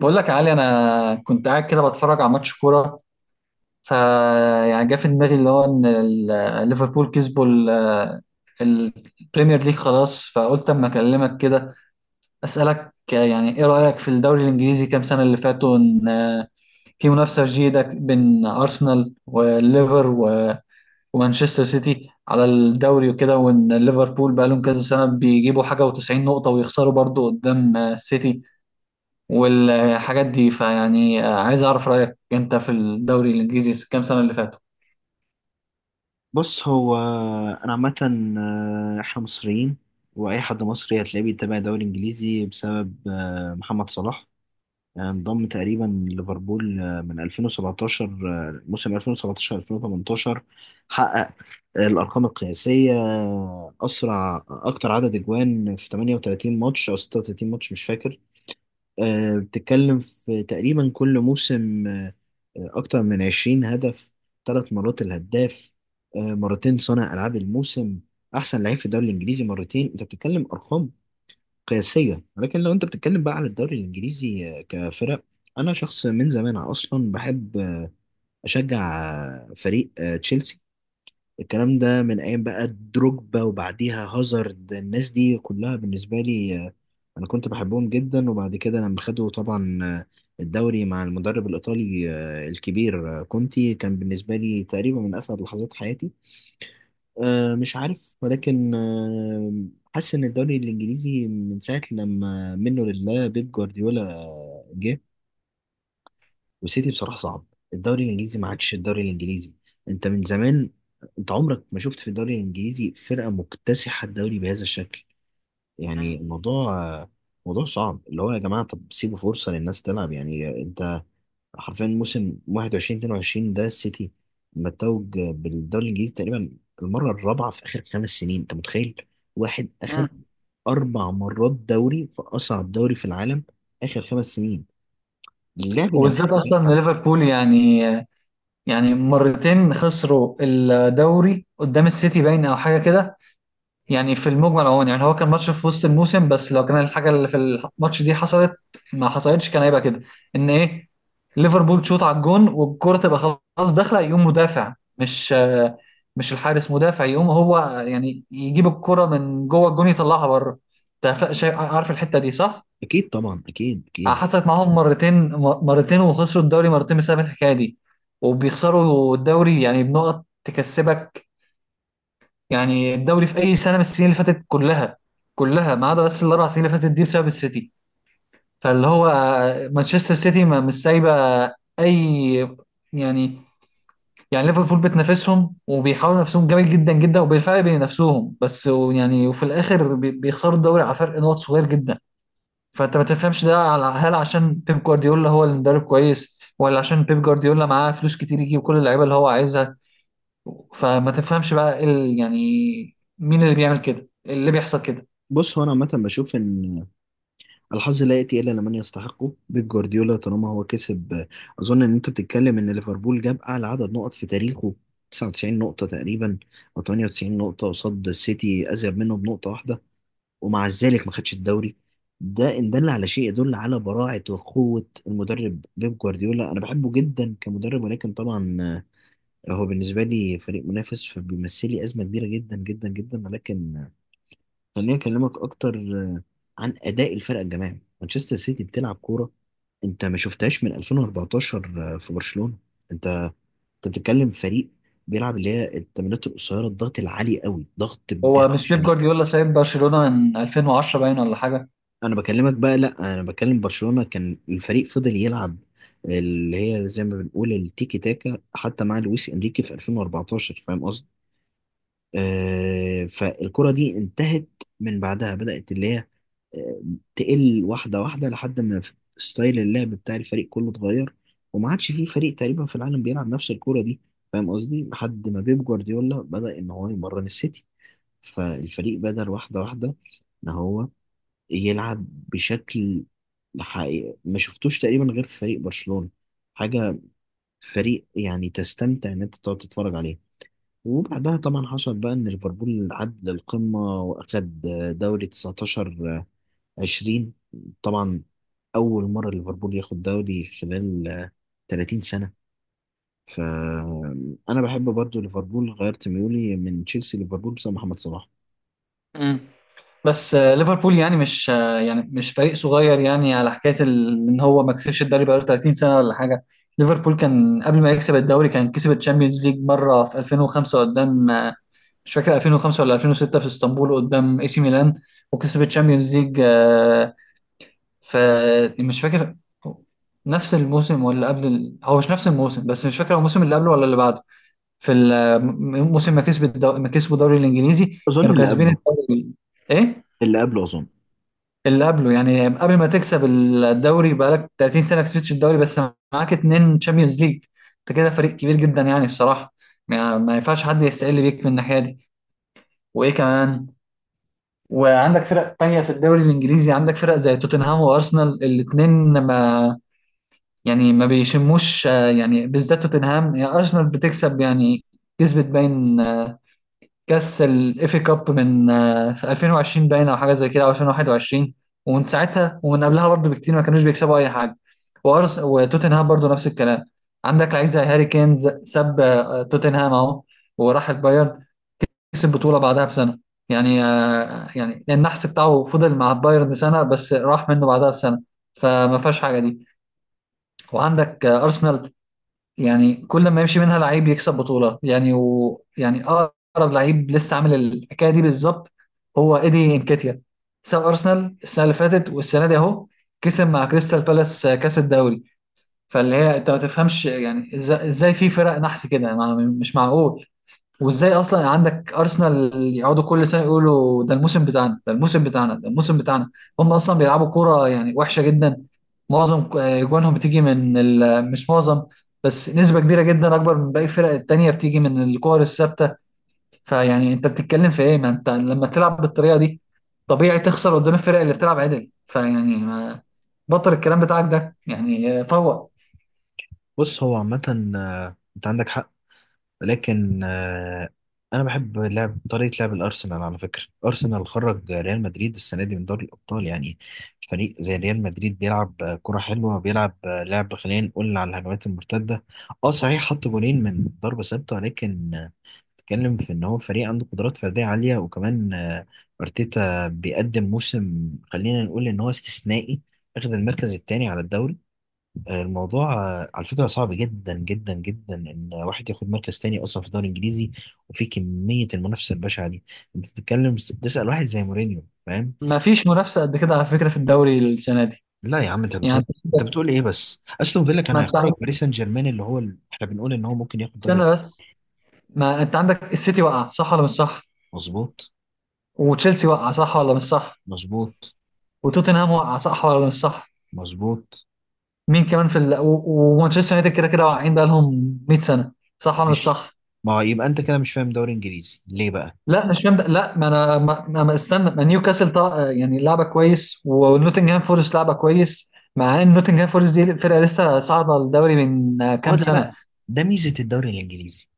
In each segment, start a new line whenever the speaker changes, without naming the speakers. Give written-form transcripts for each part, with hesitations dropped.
بقول لك يا علي، انا كنت قاعد كده بتفرج على ماتش كوره. ف يعني جه في دماغي اللي هو ان ليفربول كسبوا البريمير ليج خلاص، فقلت اما اكلمك كده اسالك يعني ايه رايك في الدوري الانجليزي كام سنه اللي فاتوا، ان في منافسه جيده بين ارسنال والليفر ومانشستر سيتي على الدوري وكده، وان ليفربول بقى لهم كذا سنه بيجيبوا حاجه و90 نقطه ويخسروا برضو قدام السيتي والحاجات دي. فيعني عايز اعرف رايك انت في الدوري الانجليزي كام سنه اللي فاتوا.
بص هو انا عامه. احنا مصريين، واي حد مصري هتلاقيه بيتابع الدوري الانجليزي بسبب محمد صلاح. انضم تقريبا ليفربول من 2017، موسم 2017 2018. حقق الارقام القياسيه، اسرع اكتر عدد اجوان في 38 ماتش او 36 ماتش، مش فاكر. بتتكلم في تقريبا كل موسم أكتر من 20 هدف، 3 مرات الهداف، مرتين صانع ألعاب الموسم، أحسن لعيب في الدوري الإنجليزي مرتين. أنت بتتكلم أرقام قياسية، ولكن لو أنت بتتكلم بقى على الدوري الإنجليزي كفرق، أنا شخص من زمان أصلا بحب أشجع فريق تشيلسي. الكلام ده من ايام بقى دروجبا وبعديها هازارد، الناس دي كلها بالنسبه لي انا كنت بحبهم جدا. وبعد كده لما خدوا طبعا الدوري مع المدرب الايطالي الكبير كونتي، كان بالنسبه لي تقريبا من اسعد لحظات حياتي. مش عارف، ولكن حاسس ان الدوري الانجليزي من ساعه لما منه لله بيب جوارديولا جه والسيتي، بصراحة صعب. الدوري الإنجليزي ما عادش الدوري الإنجليزي. أنت من زمان، أنت عمرك ما شفت في الدوري الإنجليزي فرقة مكتسحة الدوري بهذا الشكل. يعني الموضوع موضوع صعب، اللي هو يا جماعة طب سيبوا فرصة للناس تلعب. يعني أنت حرفيا موسم 21 22 ده السيتي متوج بالدوري الإنجليزي تقريبا المرة الرابعة في آخر 5 سنين. أنت متخيل واحد أخد
مم.
4 مرات دوري في أصعب دوري في العالم آخر 5 سنين؟ اللعب جماعي.
وبالذات اصلا إن ليفربول يعني مرتين خسروا الدوري قدام السيتي باين او حاجه كده. يعني في المجمل اهو، يعني هو كان ماتش في وسط الموسم، بس لو كان الحاجه اللي في الماتش دي حصلت ما حصلتش كان هيبقى كده ان ايه: ليفربول تشوط على الجون والكره تبقى خلاص داخله، يقوم مدافع مش الحارس، مدافع يقوم هو يعني يجيب الكره من جوه الجون يطلعها بره. انت شايف، عارف الحته دي صح؟
أكيد طبعا، أكيد أكيد.
حصلت معاهم مرتين. مرتين وخسروا الدوري مرتين بسبب الحكايه دي. وبيخسروا الدوري يعني بنقط تكسبك، يعني الدوري في اي سنه من السنين اللي فاتت كلها، كلها ما عدا بس الاربع سنين اللي فاتت دي بسبب السيتي. فاللي هو مانشستر سيتي ما مش سايبه اي يعني. يعني ليفربول بتنافسهم وبيحاولوا نفسهم جامد جدا جدا وبالفعل بينافسوهم، بس يعني وفي الاخر بيخسروا الدوري على فرق نقط صغير جدا. فانت ما تفهمش ده، هل عشان بيب جوارديولا هو المدرب كويس ولا عشان بيب جوارديولا معاه فلوس كتير يجيب كل اللعيبه اللي هو عايزها؟ فما تفهمش بقى إيه يعني مين اللي بيعمل كده، إيه اللي بيحصل كده.
بص هو انا عامه بشوف ان الحظ لا ياتي الا لمن يستحقه. بيب جوارديولا طالما هو كسب، اظن ان انت بتتكلم ان ليفربول جاب اعلى عدد نقط في تاريخه، 99 نقطه تقريبا او 98 نقطه قصاد السيتي، ازيد منه بنقطه واحده، ومع ذلك ما خدش الدوري. ده ان دل على شيء يدل على براعه وقوه المدرب بيب جوارديولا. انا بحبه جدا كمدرب، ولكن طبعا هو بالنسبه لي فريق منافس، فبيمثل لي ازمه كبيره جدا جدا جدا. ولكن خليني اكلمك اكتر عن اداء الفرق الجماعي. مانشستر سيتي بتلعب كوره انت ما شفتهاش من 2014 في برشلونه. انت انت بتتكلم فريق بيلعب اللي هي التمريرات القصيره، الضغط العالي قوي، ضغط بجد
هو مش بيب
شنيع.
جوارديولا سايب برشلونة من 2010 باين ولا حاجة؟
انا بكلمك بقى، لا انا بكلم برشلونه. كان الفريق فضل يلعب اللي هي زي ما بنقول التيكي تاكا حتى مع لويس انريكي في 2014، فاهم؟ فالكرة دي انتهت. من بعدها بدأت اللي هي آه، تقل واحدة واحدة لحد ما ستايل اللعب بتاع الفريق كله اتغير، وما عادش فيه فريق تقريبا في العالم بيلعب نفس الكرة دي، فاهم قصدي؟ لحد ما بيب جوارديولا بدأ إن هو يمرن السيتي، فالفريق بدأ واحدة واحدة إن هو يلعب بشكل حقيقي ما شفتوش تقريبا غير في فريق برشلونة. حاجة فريق يعني تستمتع إن أنت تقعد تتفرج عليه. وبعدها طبعا حصل بقى ان ليفربول عد للقمه واخد دوري 19 20، طبعا اول مره ليفربول ياخد دوري خلال 30 سنه. فانا بحب برضو ليفربول، غيرت ميولي من تشيلسي ليفربول بسبب محمد صلاح.
مم. بس ليفربول يعني مش يعني مش فريق صغير يعني على حكايه ان هو ما كسبش الدوري بقاله 30 سنه ولا حاجه. ليفربول كان قبل ما يكسب الدوري كان كسب الشامبيونز ليج مره في 2005 قدام، مش فاكر 2005 ولا 2006، في اسطنبول قدام اي سي ميلان، وكسب الشامبيونز ليج. فمش فاكر نفس الموسم ولا قبل هو مش نفس الموسم بس مش فاكر هو الموسم اللي قبله ولا اللي بعده. في الموسم ما كسب ما كسبوا الدوري الانجليزي
اظن
كانوا
اللي
كاسبين
قبله
الدوري. ايه؟
اللي قبله اظن.
اللي قبله؟ يعني قبل ما تكسب الدوري بقالك 30 سنه ما كسبتش الدوري، بس معاك اتنين تشامبيونز ليج. انت كده فريق كبير جدا يعني الصراحه، ما ينفعش حد يستقل بيك من الناحيه دي. وايه كمان، وعندك فرق تانية في الدوري الانجليزي، عندك فرق زي توتنهام وارسنال الاتنين ما يعني ما بيشموش. يعني بالذات توتنهام، يعني ارسنال بتكسب يعني، كسبت باين كاس الاف كاب من، في 2020 باين او حاجه زي كده او 2021، ومن ساعتها ومن قبلها برضه بكتير ما كانوش بيكسبوا اي حاجه. وارس وتوتنهام برضه نفس الكلام. عندك لعيب زي هاري كين، ساب توتنهام اهو وراح البايرن، كسب بطوله بعدها بسنه. يعني يعني النحس بتاعه فضل مع البايرن سنه بس، راح منه بعدها بسنه، فما فيهاش حاجه دي. وعندك ارسنال، يعني كل ما يمشي منها لعيب يكسب بطولة يعني، ويعني أقرب لعيب لسه عامل الحكاية دي بالظبط هو إيدي إنكيتيا، ساب أرسنال السنة اللي فاتت والسنة دي أهو كسب مع كريستال بالاس كأس الدوري. فاللي هي أنت ما تفهمش يعني إزاي في فرق نحس كده، مش معقول. وازاي اصلا عندك ارسنال يقعدوا كل سنه يقولوا ده الموسم بتاعنا، ده الموسم بتاعنا، ده الموسم بتاعنا، هم اصلا بيلعبوا كوره يعني وحشه جدا؟ معظم جوانهم بتيجي من ال... آه، مش معظم بس نسبه كبيره جدا اكبر من باقي الفرق التانيه بتيجي من الكور الثابته. فيعني انت بتتكلم في ايه؟ ما انت لما تلعب بالطريقه دي طبيعي تخسر قدام الفرق اللي بتلعب عدل، فيعني ما... بطل الكلام بتاعك ده يعني فوق.
بص هو عامه، انت عندك حق، لكن انا بحب لعب طريقه لعب الارسنال. على فكره ارسنال خرج ريال مدريد السنه دي من دوري الابطال. يعني فريق زي ريال مدريد بيلعب كره حلوه، بيلعب لعب خلينا نقول على الهجمات المرتده. اه صحيح حط جولين من ضربه ثابته، لكن بتتكلم في ان هو فريق عنده قدرات فرديه عاليه، وكمان ارتيتا بيقدم موسم خلينا نقول ان هو استثنائي، اخذ المركز الثاني على الدوري. الموضوع على فكرة صعب جدا جدا جدا إن واحد ياخد مركز تاني أصلا في الدوري الإنجليزي، وفي كمية المنافسة البشعة دي. أنت بتتكلم تسأل واحد زي مورينيو، فاهم؟
ما فيش منافسه قد كده على فكره في الدوري السنه دي.
لا يا عم، أنت
يعني
بتقول، أنت بتقول إيه بس؟ أستون فيلا كان
ما انت
هيخرج
عندك
باريس سان جيرمان، اللي هو ال... إحنا بنقول إن هو ممكن ياخد دوري ال-.
سنه بس، ما انت عندك السيتي وقع، صح ولا مش صح؟
مظبوط.
وتشيلسي وقع، صح ولا مش صح؟
مظبوط.
وتوتنهام وقع، صح ولا مش صح؟
مظبوط.
مين كمان في ومانشستر يونايتد كده كده واقعين بقى لهم 100 سنه، صح ولا مش
ماشي.
صح؟
ما هو يبقى أنت كده مش فاهم دوري إنجليزي ليه بقى.
لا، مش فاهم لا، ما انا ما استنى، ما نيوكاسل طلع يعني لعبه كويس ونوتنجهام فورست لعبه كويس، مع ان نوتنجهام فورست دي فرقه لسه صاعده الدوري من
هو
كام
ده
سنه.
بقى، ده ميزة الدوري الإنجليزي،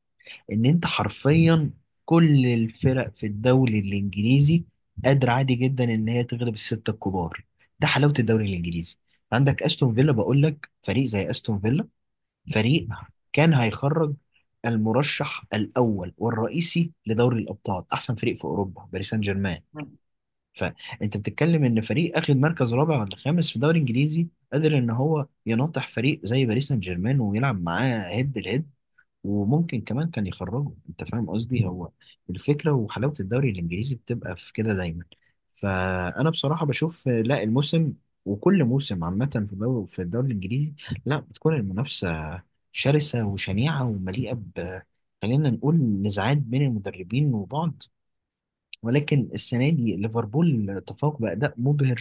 ان انت حرفيا كل الفرق في الدوري الانجليزي قادره عادي جدا ان هي تغلب السته الكبار. ده حلاوه الدوري الانجليزي. عندك استون فيلا، بقول لك فريق زي استون فيلا، فريق كان هيخرج المرشح الاول والرئيسي لدوري الابطال، احسن فريق في اوروبا، باريس سان جيرمان. فانت بتتكلم ان فريق اخد مركز رابع ولا خامس في الدوري الانجليزي قادر ان هو يناطح فريق زي باريس سان جيرمان ويلعب معاه هيد لهيد، وممكن كمان كان يخرجوا، انت فاهم قصدي؟ هو الفكره وحلاوه الدوري الانجليزي بتبقى في كده دايما. فانا بصراحه بشوف لا الموسم وكل موسم عامه في الدوري الانجليزي لا بتكون المنافسه شرسه وشنيعه ومليئه ب خلينا نقول نزاعات بين المدربين وبعض. ولكن السنه دي ليفربول تفوق باداء مبهر،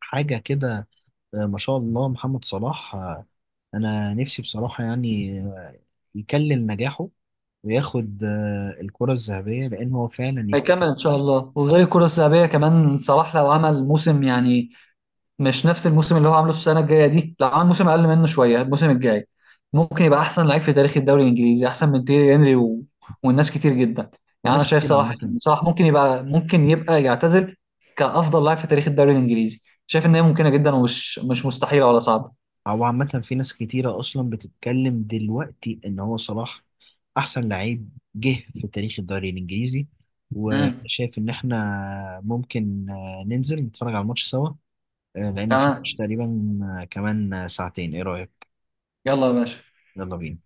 حاجه كده. ما شاء الله محمد صلاح. انا نفسي بصراحه يعني يكلم نجاحه وياخد الكرة الذهبية لأن هو فعلا
هيكمل ان شاء
يستحقها.
الله، وغير الكره الذهبيه كمان صلاح لو عمل موسم، يعني مش نفس الموسم اللي هو عامله السنه الجايه دي، لا عامل موسم اقل منه شويه الموسم الجاي، ممكن يبقى احسن لعيب في تاريخ الدوري الانجليزي، احسن من تيري هنري والناس كتير جدا. يعني انا
وناس
شايف
كتير
صلاح،
عامة،
صلاح ممكن يبقى يعتزل كافضل لاعب في تاريخ الدوري الانجليزي. شايف ان هي ممكنه جدا ومش مش مستحيله ولا صعبه.
أو عامة في ناس كتيرة أصلا بتتكلم دلوقتي إن هو صلاح أحسن لعيب جه في تاريخ الدوري الإنجليزي.
امم.
وشايف إن إحنا ممكن ننزل نتفرج على الماتش سوا. لأن في ماتش
تمام،
تقريبا كمان ساعتين، إيه رأيك؟
يلا يا باشا.
يلا بينا.